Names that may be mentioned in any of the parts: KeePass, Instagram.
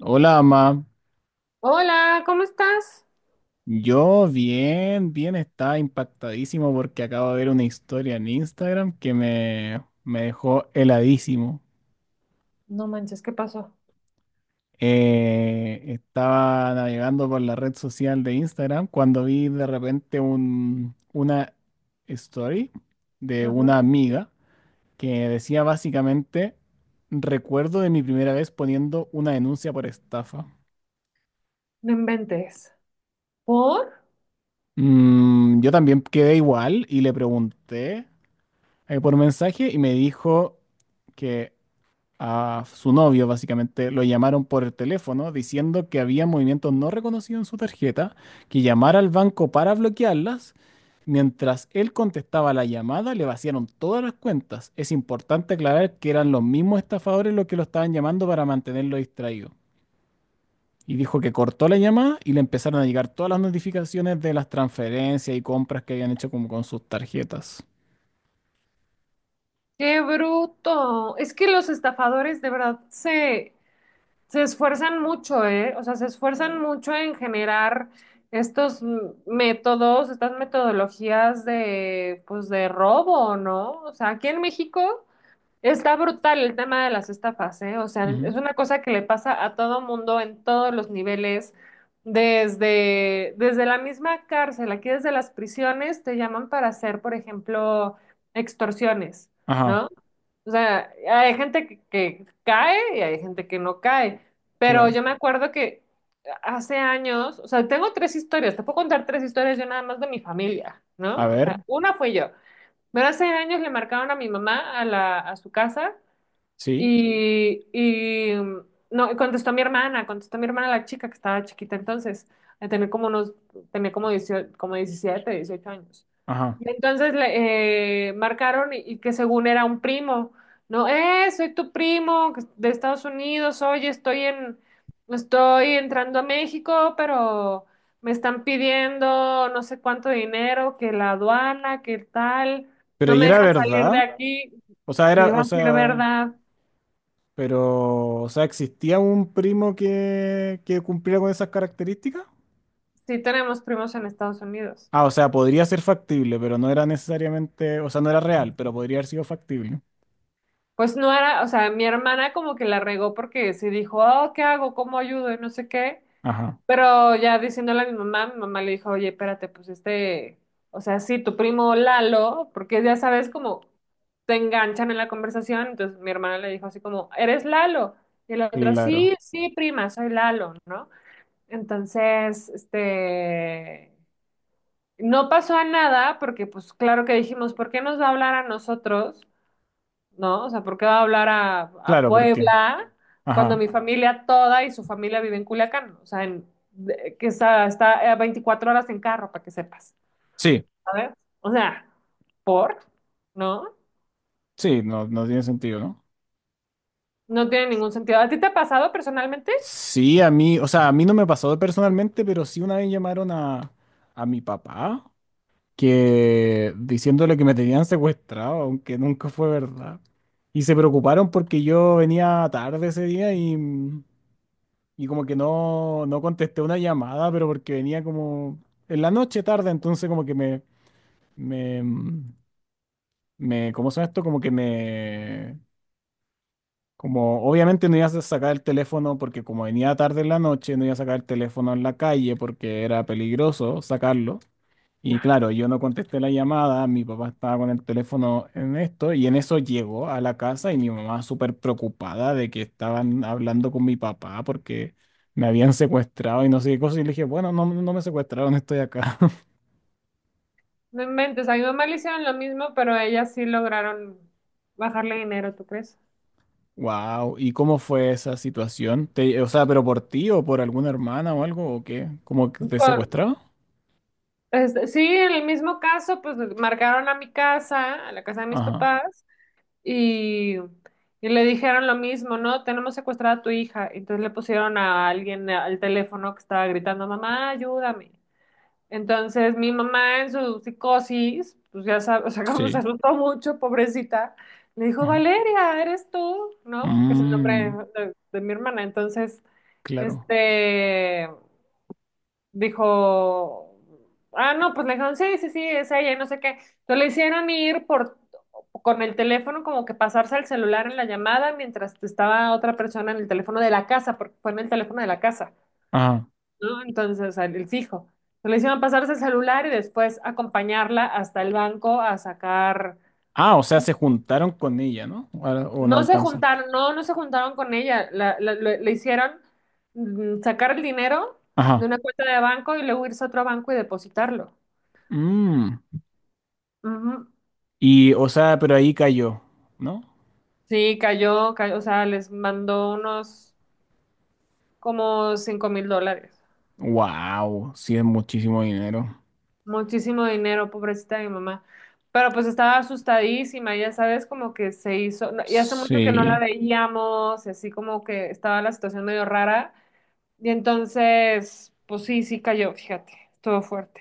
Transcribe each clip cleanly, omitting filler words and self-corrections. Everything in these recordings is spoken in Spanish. Hola, mamá. Hola, ¿cómo estás? Yo bien, bien, estaba impactadísimo porque acabo de ver una historia en Instagram que me dejó heladísimo. No manches, ¿qué pasó? Estaba navegando por la red social de Instagram cuando vi de repente una story de Ajá. una amiga que decía básicamente, recuerdo de mi primera vez poniendo una denuncia por estafa. No inventes. ¿Por? Yo también quedé igual y le pregunté. Por mensaje y me dijo que a su novio básicamente lo llamaron por el teléfono diciendo que había movimientos no reconocidos en su tarjeta, que llamara al banco para bloquearlas. Mientras él contestaba la llamada, le vaciaron todas las cuentas. Es importante aclarar que eran los mismos estafadores los que lo estaban llamando para mantenerlo distraído. Y dijo que cortó la llamada y le empezaron a llegar todas las notificaciones de las transferencias y compras que habían hecho como con sus tarjetas. ¡Qué bruto! Es que los estafadores de verdad se esfuerzan mucho, ¿eh? O sea, se esfuerzan mucho en generar estos métodos, estas metodologías de, pues, de robo, ¿no? O sea, aquí en México. Está brutal el tema de las estafas, ¿eh? O sea, Ujú. es una cosa que le pasa a todo mundo en todos los niveles, desde la misma cárcel, aquí desde las prisiones te llaman para hacer, por ejemplo, extorsiones, Ajá, ¿no? O sea, hay gente que cae y hay gente que no cae, pero claro. yo me acuerdo que hace años, o sea, tengo tres historias, te puedo contar tres historias yo nada más de mi familia, A ¿no? O ver, sea, una fue yo, pero hace años le marcaron a mi mamá a a su casa. sí, Y mm, no, y contestó mi hermana la chica que estaba chiquita entonces, tenía como unos, tenía como diecio como 17 18 años. ajá. Y entonces le marcaron y que según era un primo, no, soy tu primo que de Estados Unidos, oye, estoy entrando a México, pero me están pidiendo no sé cuánto dinero, que la aduana, que tal, Pero no ¿y me era dejan salir de verdad? aquí, O sea, que era, iba o a ser sea, verdad. pero, o sea, ¿existía un primo que cumpliera con esas características? Sí, tenemos primos en Estados Unidos. Ah, o sea, podría ser factible, pero no era necesariamente, o sea, no era real, pero podría haber sido factible. Pues no era, o sea, mi hermana como que la regó porque sí dijo, oh, ¿qué hago? ¿Cómo ayudo? Y no sé qué. Ajá, Pero ya diciéndole a mi mamá le dijo, oye, espérate, pues este, o sea, sí, tu primo Lalo, porque ya sabes como te enganchan en la conversación. Entonces mi hermana le dijo así como, ¿eres Lalo? Y el otro, sí, claro. sí, prima, soy Lalo, ¿no? Entonces, este, no pasó a nada porque pues claro que dijimos, ¿por qué nos va a hablar a nosotros? ¿No? O sea, ¿por qué va a hablar a Claro, ¿por qué? Puebla cuando Ajá. mi familia toda y su familia vive en Culiacán? O sea, en- de- que está, está a 24 horas en carro, para que sepas, Sí, ¿sabes? O sea, ¿por? ¿No? sí, no, no tiene sentido, ¿no? No tiene ningún sentido. ¿A ti te ha pasado personalmente? Sí, a mí, o sea, a mí no me pasó personalmente, pero sí una vez llamaron a mi papá que diciéndole que me tenían secuestrado, aunque nunca fue verdad. Y se preocuparon porque yo venía tarde ese día y como que no, no contesté una llamada, pero porque venía como en la noche tarde, entonces como que me, ¿cómo se llama esto? Como que me, como obviamente no iba a sacar el teléfono porque como venía tarde en la noche, no iba a sacar el teléfono en la calle porque era peligroso sacarlo. Y claro, yo no contesté la llamada, mi papá estaba con el teléfono en esto y en eso llegó a la casa y mi mamá súper preocupada de que estaban hablando con mi papá porque me habían secuestrado y no sé qué cosa y le dije, bueno, no, no me secuestraron, estoy acá. No inventes, a mi mamá le hicieron lo mismo, pero ellas sí lograron bajarle dinero, ¿tú crees? Wow, ¿y cómo fue esa situación? Te- o sea, ¿pero por ti o por alguna hermana o algo o qué? ¿Cómo que te Por- secuestraron? este, sí, en el mismo caso, pues marcaron a mi casa, a la casa de mis Ajá, papás. Y, y le dijeron lo mismo, ¿no? Tenemos secuestrada a tu hija. Entonces le pusieron a alguien al teléfono que estaba gritando, mamá, ayúdame. Entonces mi mamá en su psicosis, pues ya sabes, o sea, como se sí, asustó mucho, pobrecita, le dijo, ajá. Valeria, ¿eres tú? ¿No? Que es el Mm, nombre de mi hermana. Entonces, claro. este, dijo, ah, no, pues le dijeron, sí, sí, sí, es ella, y no sé qué. Entonces le hicieron con el teléfono, como que pasarse al celular en la llamada mientras estaba otra persona en el teléfono de la casa, porque fue en el teléfono de la casa, Ajá. ¿no? Entonces, el fijo. Entonces, le hicieron pasarse el celular y después acompañarla hasta el banco a sacar. Ah, o sea, se juntaron con ella, ¿no? O no No se alcanza. juntaron, no, no se juntaron con ella. Le hicieron sacar el dinero de Ajá. una cuenta de banco y luego irse a otro banco y depositarlo. Mm. Ujú. Y, o sea, pero ahí cayó, ¿no? Sí, cayó, cayó, o sea, les mandó unos como $5,000. Wow, sí es muchísimo dinero. Muchísimo dinero, pobrecita de mi mamá. Pero pues estaba asustadísima, ya sabes, como que se hizo, no, y hace mucho que no la Sí, veíamos, y así como que estaba la situación medio rara. Y entonces, pues sí, sí cayó, fíjate, estuvo fuerte.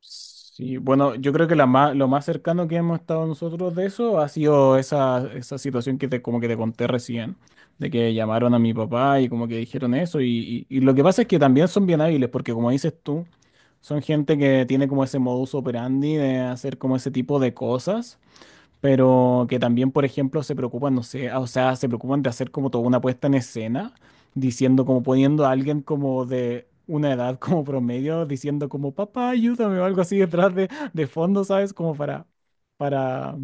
sí. Bueno, yo creo que la ma- lo más cercano que hemos estado nosotros de eso ha sido esa, esa situación que te, como que te conté recién, de que llamaron a mi papá y como que dijeron eso. Y lo que pasa es que también son bien hábiles, porque como dices tú, son gente que tiene como ese modus operandi de hacer como ese tipo de cosas. Pero que también, por ejemplo, se preocupan, no sé, ah, o sea, se preocupan de hacer como toda una puesta en escena, diciendo como poniendo a alguien como de una edad como promedio, diciendo como, papá, ayúdame o algo así detrás de fondo, ¿sabes? Como para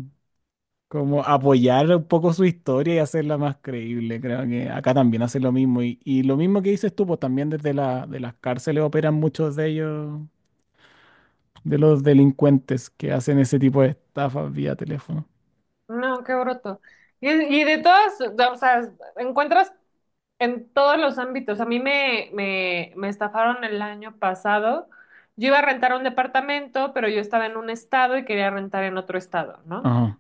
como apoyar un poco su historia y hacerla más creíble. Creo que acá también hacen lo mismo. Y lo mismo que dices tú, pues también desde la, de las cárceles operan muchos de ellos, de los delincuentes que hacen ese tipo de estafas vía teléfono. No, qué broto. Y de todas, o sea, encuentras en todos los ámbitos. A mí me estafaron el año pasado. Yo iba a rentar un departamento, pero yo estaba en un estado y quería rentar en otro estado, ¿no? Ajá,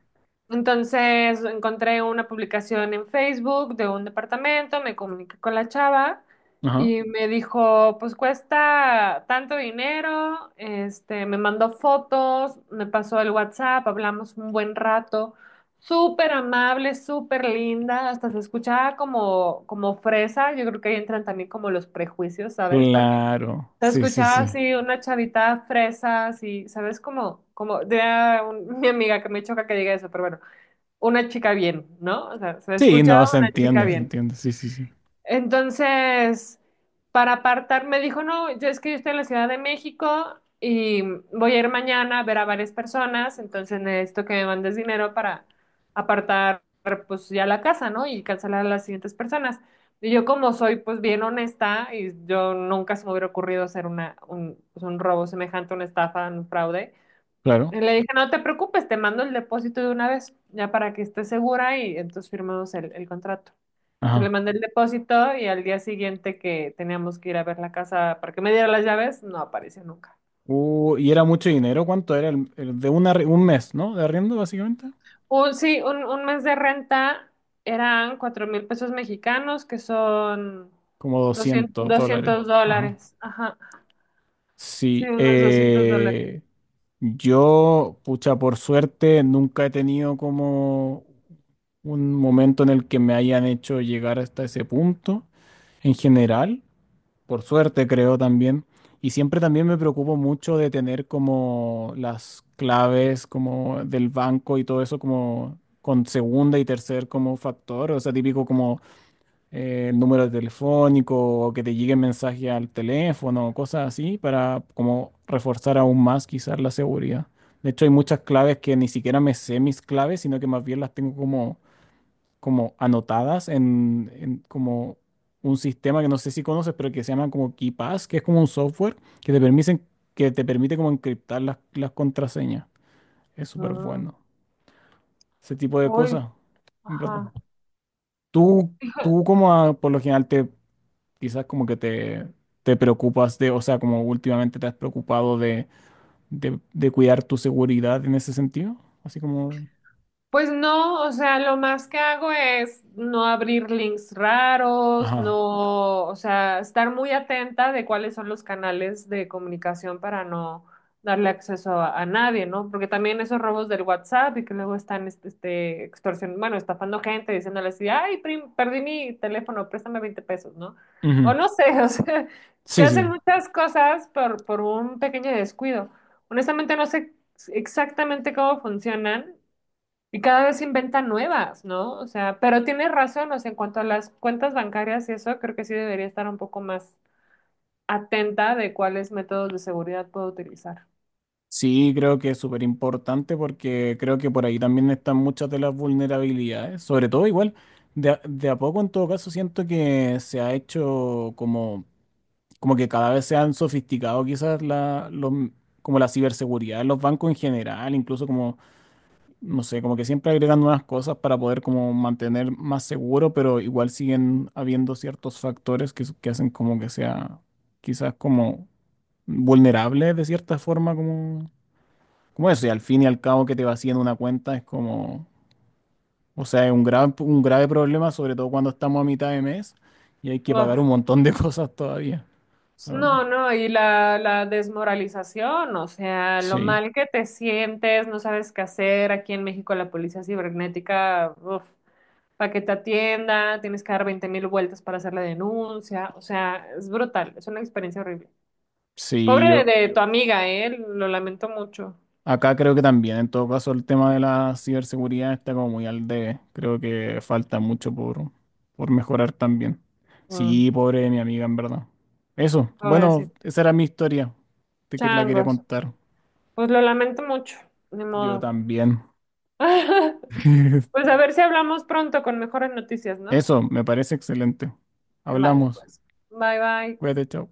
Entonces encontré una publicación en Facebook de un departamento, me comuniqué con la chava ajá. y me dijo, pues cuesta tanto dinero, este, me mandó fotos, me pasó el WhatsApp, hablamos un buen rato, súper amable, súper linda, hasta se escuchaba como, como fresa, yo creo que ahí entran también como los prejuicios, ¿sabes? Porque Claro, te sí, sí, escuchaba sí. así una chavita fresa, así, ¿sabes? Como, como, de mi amiga que me choca que diga eso, pero bueno, una chica bien, ¿no? O sea, se Sí, escucha no, una chica se bien. entiende, sí, sí, sí. Entonces, para apartar, me dijo, no, yo es que yo estoy en la Ciudad de México y voy a ir mañana a ver a varias personas, entonces necesito que me mandes dinero para apartar, pues ya la casa, ¿no? Y cancelar a las siguientes personas. Y yo como soy pues bien honesta y yo nunca se me hubiera ocurrido hacer pues, un robo semejante, una estafa, un fraude, Claro, y le dije, no te preocupes, te mando el depósito de una vez, ya para que estés segura y entonces firmamos el contrato. Entonces le ajá. mandé el depósito y al día siguiente que teníamos que ir a ver la casa para que me diera las llaves, no apareció nunca. Y era mucho dinero, ¿cuánto era? El de una, arri- un mes, ¿no? De arriendo, básicamente. Un mes de renta eran 4,000 pesos mexicanos, que son Como 200 dólares. doscientos Ajá. dólares. Ajá, sí, Sí, unos $200. Yo, pucha, por suerte, nunca he tenido como un momento en el que me hayan hecho llegar hasta ese punto en general. Por suerte creo también. Y siempre también me preocupo mucho de tener como las claves como del banco y todo eso como con segunda y tercer como factor, o sea, típico como el número telefónico o que te llegue mensaje al teléfono, cosas así, para como reforzar aún más quizás la seguridad. De hecho, hay muchas claves que ni siquiera me sé mis claves, sino que más bien las tengo como como anotadas en como un sistema que no sé si conoces, pero que se llama como KeePass, que es como un software que te permiten, que te permite como encriptar las contraseñas. Es súper Mm. bueno. Ese tipo de Uy, cosas. En verdad. ajá. Tú, tú como a- por lo general te, quizás como que te preocupas de, o sea, como últimamente te has preocupado de cuidar tu seguridad en ese sentido. Así como... Pues no, o sea, lo más que hago es no abrir links raros, Ajá. no, o sea, estar muy atenta de cuáles son los canales de comunicación para no darle acceso a nadie, ¿no? Porque también esos robos del WhatsApp y que luego están extorsion, bueno, estafando gente, diciéndoles, así, ay, perdí mi teléfono, préstame 20 pesos, ¿no? O Ujú. no sé, o sea, que Sí, sí. hacen muchas cosas por un pequeño descuido. Honestamente no sé exactamente cómo funcionan. Y cada vez inventan nuevas, ¿no? O sea, pero tienes razón, o sea, en cuanto a las cuentas bancarias y eso, creo que sí debería estar un poco más atenta de cuáles métodos de seguridad puedo utilizar. Sí, creo que es súper importante porque creo que por ahí también están muchas de las vulnerabilidades, sobre todo igual, de a poco en todo caso siento que se ha hecho como, como que cada vez se han sofisticado quizás la, los m- como la ciberseguridad de los bancos en general, incluso como, no sé, como que siempre agregan nuevas cosas para poder como mantener más seguro, pero igual siguen habiendo ciertos factores que, s- que hacen como que sea quizás como vulnerable de cierta forma como... Como eso, y al fin y al cabo que te vacíen una cuenta es como, o sea, es un grave problema, sobre todo cuando estamos a mitad de mes y hay que pagar un Uf, montón de cosas todavía, la verdad. no, no, y la desmoralización, o sea, lo Sí, mal que te sientes, no sabes qué hacer. Aquí en México la policía cibernética, uf, para que te atienda, tienes que dar 20,000 vueltas para hacer la denuncia, o sea, es brutal, es una experiencia horrible. sí, Pobre yo- de tu amiga, ¿eh? Lo lamento mucho. acá creo que también, en todo caso, el tema de la ciberseguridad está como muy al debe. Creo que falta mucho por mejorar también. Mm, Sí, pobre de mi amiga, en verdad. Eso, bueno, pobrecito. esa era mi historia, te que la quería Changos. contar. Pues lo lamento mucho, ni Yo modo. también. Pues a ver si hablamos pronto con mejores noticias, ¿no? Eso, me parece excelente. Vale, Hablamos. pues. Bye bye. Cuídate, chao.